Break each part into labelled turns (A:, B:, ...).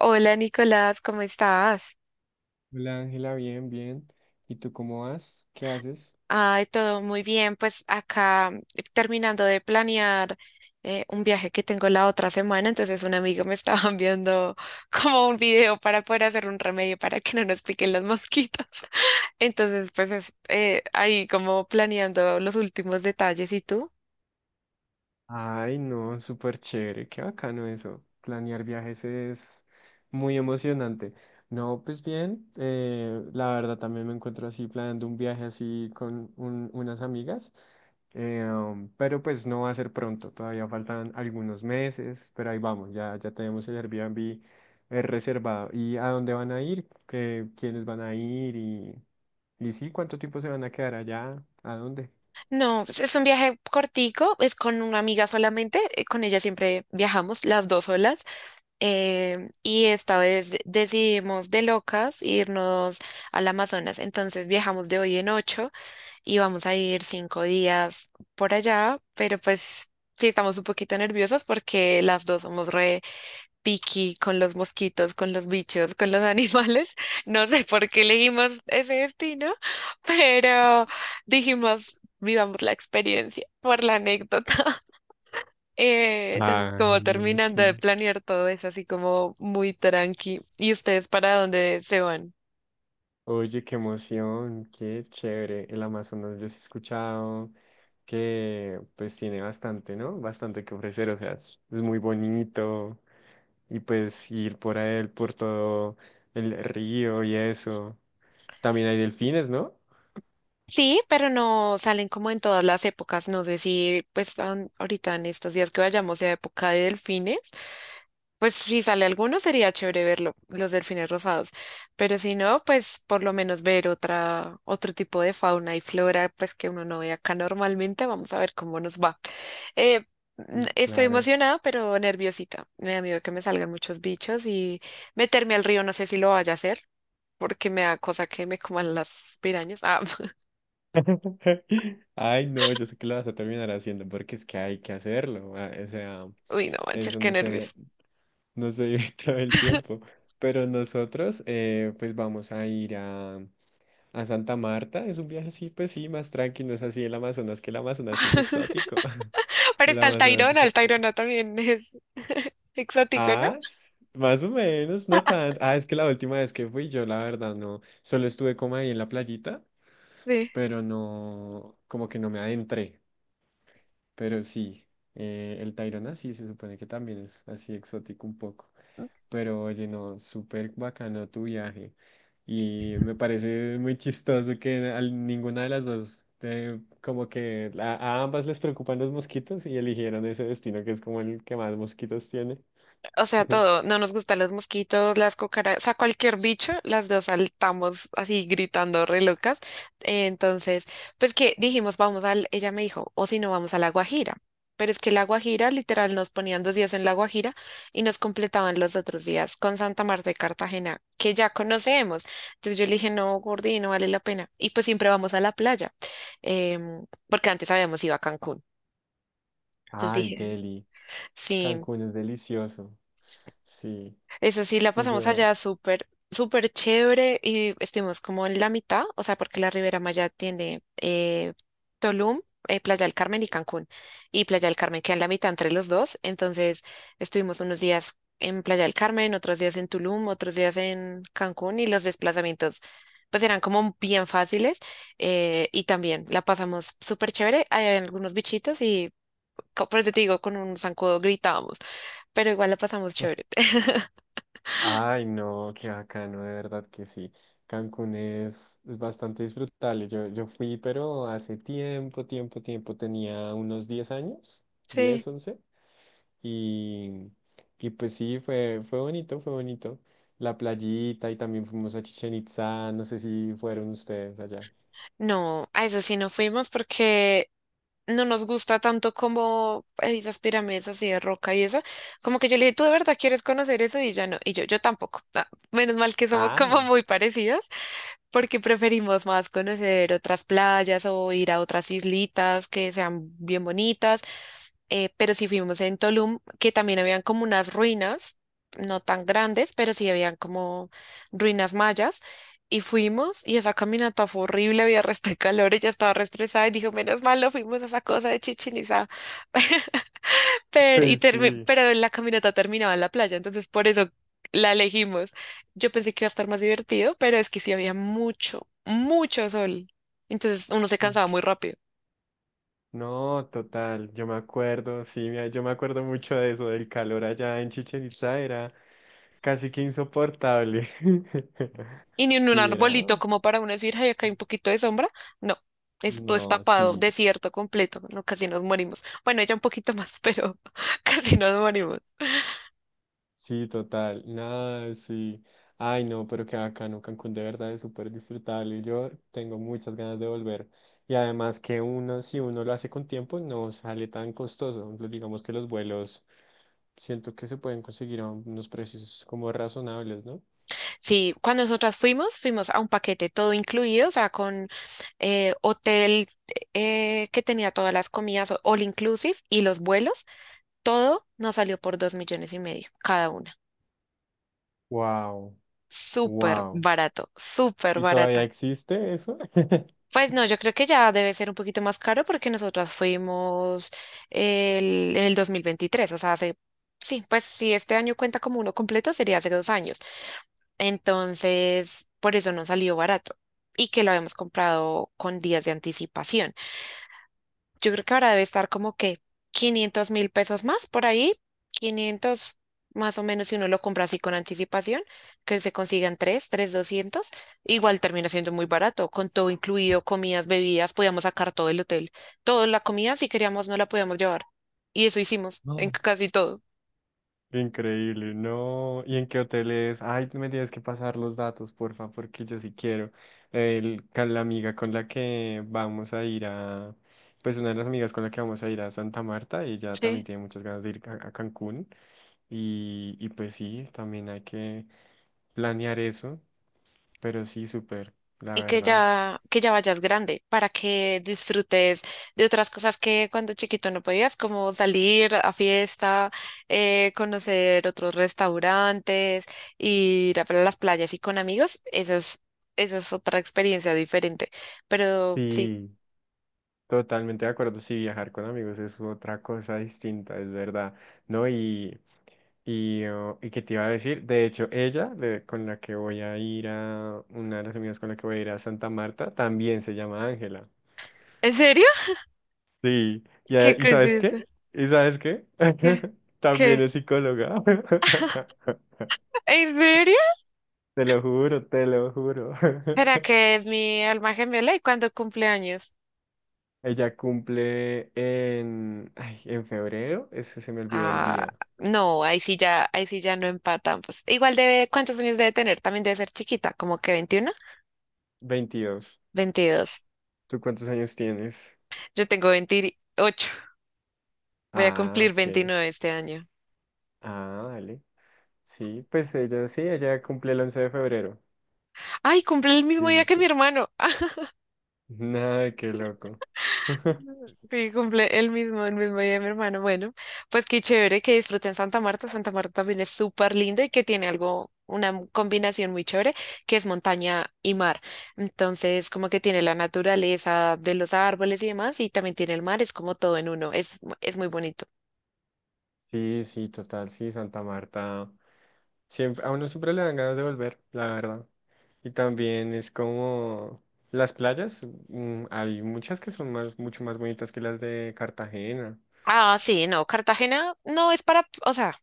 A: Hola Nicolás, ¿cómo estás?
B: Hola Ángela, bien, bien. ¿Y tú cómo vas? ¿Qué haces?
A: Ay, todo muy bien. Pues acá terminando de planear un viaje que tengo la otra semana, entonces un amigo me estaba enviando como un video para poder hacer un remedio para que no nos piquen las mosquitas. Entonces, pues ahí como planeando los últimos detalles. ¿Y tú?
B: Ay, no, súper chévere, qué bacano eso. Planear viajes es muy emocionante. No, pues bien, la verdad también me encuentro así planeando un viaje así con unas amigas, pero pues no va a ser pronto, todavía faltan algunos meses, pero ahí vamos, ya tenemos el Airbnb reservado. ¿Y a dónde van a ir? ¿Qué, quiénes van a ir? ¿Y sí? ¿Cuánto tiempo se van a quedar allá? ¿A dónde?
A: No, pues, es un viaje cortico, es con una amiga solamente, con ella siempre viajamos las dos solas. Y esta vez decidimos de locas irnos al Amazonas. Entonces viajamos de hoy en ocho y vamos a ir 5 días por allá, pero pues sí estamos un poquito nerviosas porque las dos somos re picky con los mosquitos, con los bichos, con los animales. No sé por qué elegimos ese destino, pero dijimos, vivamos la experiencia por la anécdota. Entonces,
B: Ay,
A: como
B: no,
A: terminando de
B: sí.
A: planear todo es así como muy tranqui. ¿Y ustedes para dónde se van?
B: Oye, qué emoción, qué chévere. El Amazonas yo sí he escuchado que pues tiene bastante, ¿no? Bastante que ofrecer, o sea, es muy bonito y pues ir por él, por todo el río y eso. También hay delfines, ¿no?
A: Sí, pero no salen como en todas las épocas. No sé si pues ahorita en estos días que vayamos a época de delfines, pues si sale alguno sería chévere verlo, los delfines rosados. Pero si no, pues por lo menos ver otra, otro tipo de fauna y flora, pues que uno no ve acá normalmente. Vamos a ver cómo nos va. Eh,
B: Sí.
A: estoy
B: Claro.
A: emocionada, pero nerviosita. Me da miedo que me salgan muchos bichos y meterme al río, no sé si lo vaya a hacer, porque me da cosa que me coman las pirañas. Ah,
B: Ay, no, yo sé que lo vas a terminar haciendo porque es que hay que hacerlo. O sea,
A: uy, no manches,
B: eso
A: qué
B: no sé,
A: nervios.
B: nos se vive todo el tiempo. Pero nosotros, pues vamos a ir a Santa Marta. Es un viaje, así pues sí, más tranquilo. No es así el Amazonas, que el Amazonas es exótico.
A: Pero
B: El
A: está
B: Amazonas es
A: El
B: exótico.
A: Tayrona también es exótico, ¿no?
B: Más o menos, no tanto. Ah, es que la última vez que fui yo, la verdad, no. Solo estuve como ahí en la playita,
A: Sí.
B: pero no, como que no me adentré. Pero sí, el Tayrona sí se supone que también es así exótico un poco. Pero oye, no, súper bacano tu viaje. Y me parece muy chistoso que a ninguna de las dos, como que a ambas les preocupan los mosquitos y eligieron ese destino que es como el que más mosquitos tiene.
A: O sea, todo, no nos gustan los mosquitos, las cucarachas, o sea, cualquier bicho, las dos saltamos así gritando re locas. Eh, Entonces, pues que dijimos, vamos al, ella me dijo, o si no, vamos a La Guajira. Pero es que La Guajira, literal, nos ponían 2 días en La Guajira y nos completaban los otros días con Santa Marta de Cartagena, que ya conocemos. Entonces yo le dije, no, Gordi, no vale la pena. Y pues siempre vamos a la playa, porque antes habíamos ido a Cancún. Entonces
B: Ay,
A: dije,
B: Delhi,
A: sí.
B: Cancún es delicioso. Sí,
A: Eso sí, la
B: sí,
A: pasamos
B: yo.
A: allá súper, súper chévere y estuvimos como en la mitad, o sea, porque la Ribera Maya tiene Tulum, Playa del Carmen y Cancún. Y Playa del Carmen queda en la mitad entre los dos, entonces estuvimos unos días en Playa del Carmen, otros días en Tulum, otros días en Cancún y los desplazamientos pues eran como bien fáciles y también la pasamos súper chévere. Hay algunos bichitos y por eso te digo, con un zancudo gritábamos, pero igual la pasamos chévere.
B: Ay, no, qué bacano, de verdad que sí. Cancún es bastante disfrutable. Yo fui, pero hace tiempo, tiempo, tiempo, tenía unos 10 años,
A: Sí.
B: 10, 11 y, y pues sí, fue, fue bonito, fue bonito. La playita y también fuimos a Chichen Itzá, no sé si fueron ustedes allá.
A: No, a eso sí no fuimos porque no nos gusta tanto como esas pirámides así de roca y eso. Como que yo le dije, ¿tú de verdad quieres conocer eso? Y ya no. Y yo tampoco. Ah, menos mal que somos
B: Ah,
A: como
B: no.
A: muy parecidos porque preferimos más conocer otras playas o ir a otras islitas que sean bien bonitas pero sí fuimos en Tulum, que también habían como unas ruinas, no tan grandes, pero sí habían como ruinas mayas. Y fuimos, y esa caminata fue horrible, había resto de calor, ella estaba re estresada y dijo, menos mal, no fuimos a esa cosa de Chichén Itzá". Pero,
B: Ay,
A: y
B: sí.
A: pero la caminata terminaba en la playa, entonces por eso la elegimos. Yo pensé que iba a estar más divertido, pero es que sí había mucho, mucho sol. Entonces uno se cansaba muy rápido.
B: No, total, yo me acuerdo, sí, mira, yo me acuerdo mucho de eso, del calor allá en Chichén Itzá era casi que insoportable.
A: Y ni en un
B: Sí, era.
A: arbolito como para uno decir, ay, acá hay un poquito de sombra. No, eso todo es
B: No,
A: tapado,
B: sí,
A: desierto completo. No, casi nos morimos. Bueno, ella un poquito más, pero casi nos morimos.
B: sí, total, nada, sí. Ay, no, pero qué bacano, Cancún de verdad es súper disfrutable. Yo tengo muchas ganas de volver. Y además que uno, si uno lo hace con tiempo, no sale tan costoso. Lo- Digamos que los vuelos siento que se pueden conseguir a unos precios como razonables, ¿no?
A: Sí, cuando nosotras fuimos, a un paquete todo incluido, o sea, con hotel que tenía todas las comidas, all inclusive, y los vuelos. Todo nos salió por 2,5 millones cada una.
B: Wow,
A: Súper
B: wow.
A: barato, súper
B: ¿Y
A: barato.
B: todavía existe eso?
A: Pues no, yo creo que ya debe ser un poquito más caro porque nosotras fuimos en el 2023, o sea, hace, sí, pues si este año cuenta como uno completo, sería hace 2 años. Entonces, por eso no salió barato y que lo habíamos comprado con días de anticipación. Yo creo que ahora debe estar como que 500.000 pesos más por ahí, 500 más o menos si uno lo compra así con anticipación, que se consigan 3 200 igual termina siendo muy barato, con todo incluido, comidas, bebidas, podíamos sacar todo el hotel, toda la comida si queríamos no la podíamos llevar. Y eso hicimos en
B: No.
A: casi todo.
B: Increíble, no. ¿Y en qué hotel es? Ay, tú me tienes que pasar los datos, porfa, porque yo sí quiero. El, con la amiga con la que vamos a ir a, pues una de las amigas con la que vamos a ir a Santa Marta, ella también
A: Sí,
B: tiene muchas ganas de ir a Cancún. Y pues sí, también hay que planear eso, pero sí, súper, la
A: y
B: verdad.
A: que ya vayas grande para que disfrutes de otras cosas que cuando chiquito no podías, como salir a fiesta, conocer otros restaurantes, ir a las playas y con amigos. Eso es otra experiencia diferente. Pero sí,
B: Sí. Totalmente de acuerdo, sí, viajar con amigos es otra cosa distinta, es verdad, ¿no? Y, oh, y qué te iba a decir, de hecho, ella, con la que voy a ir a, una de las amigas con la que voy a ir a Santa Marta, también se llama Ángela.
A: ¿en serio?
B: Sí, y,
A: ¿Qué
B: ¿y
A: cosa es
B: sabes
A: eso?
B: qué? ¿Y sabes qué?
A: ¿Qué?
B: También
A: ¿Qué?
B: es psicóloga.
A: ¿En serio?
B: Te lo juro, te lo juro.
A: ¿Será que es mi alma gemela y cuando cumple años?
B: Ella cumple en, ay, en febrero, ese se me olvidó el
A: Ah,
B: día,
A: no, ahí sí ya no empatan. Pues igual debe, ¿cuántos años debe tener? También debe ser chiquita, como que 21,
B: 22.
A: 22.
B: ¿Tú cuántos años tienes?
A: Yo tengo 28. Voy a
B: Ah,
A: cumplir
B: ok.
A: 29 este año.
B: Ah, vale. Sí, pues ella sí, ella cumple el 11 de febrero.
A: Ay, cumple el mismo
B: Sí,
A: día
B: sí,
A: que mi
B: sí.
A: hermano.
B: Nada, qué loco.
A: Sí, cumple el mismo día de mi hermano. Bueno, pues qué chévere que disfruten Santa Marta. Santa Marta también es súper linda y que tiene algo, una combinación muy chévere, que es montaña y mar. Entonces, como que tiene la naturaleza de los árboles y demás, y también tiene el mar, es como todo en uno, es muy bonito.
B: Sí, sí, total, sí, Santa Marta. Siempre, a uno siempre le dan ganas de volver, la verdad. Y también es como las playas, mm, hay muchas que son más, mucho más bonitas que las de Cartagena.
A: Ah, sí, no, Cartagena no es para, o sea,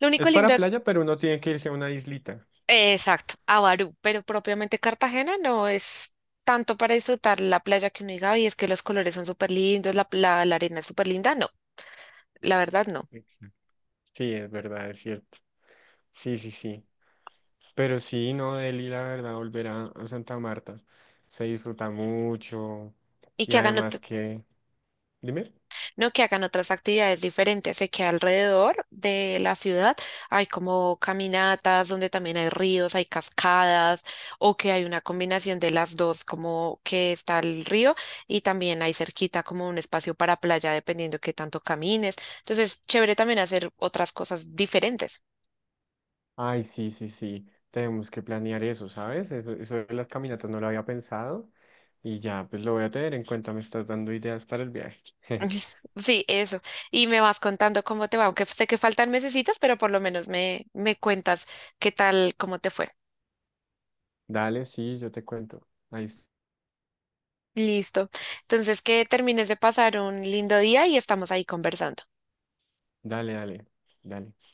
A: lo único
B: Es
A: lindo
B: para
A: de
B: playa, pero uno tiene que irse a una islita.
A: Exacto, Avarú, pero propiamente Cartagena no es tanto para disfrutar la playa que uno diga, y es que los colores son súper lindos, la arena es súper linda, no, la verdad no.
B: Exacto. Sí, es verdad, es cierto. Sí, sí, sí. Pero sí, no, Delhi, la verdad, volver a Santa Marta se disfruta mucho.
A: Y
B: Y
A: que hagan
B: además
A: ot-
B: que, dime,
A: No, que hagan otras actividades diferentes, sé que alrededor de la ciudad hay como caminatas donde también hay ríos, hay cascadas, o que hay una combinación de las dos, como que está el río y también hay cerquita como un espacio para playa, dependiendo qué tanto camines. Entonces, chévere también hacer otras cosas diferentes.
B: ay, sí, sí, sí, tenemos que planear eso, ¿sabes? Eso de las caminatas no lo había pensado y ya, pues lo voy a tener en cuenta, me estás dando ideas para el viaje.
A: Sí, eso. Y me vas contando cómo te va, aunque sé que faltan mesecitos, pero por lo menos me cuentas qué tal, cómo te fue.
B: Dale, sí, yo te cuento. Ahí, es-
A: Listo. Entonces, que termines de pasar un lindo día y estamos ahí conversando.
B: dale, dale, dale.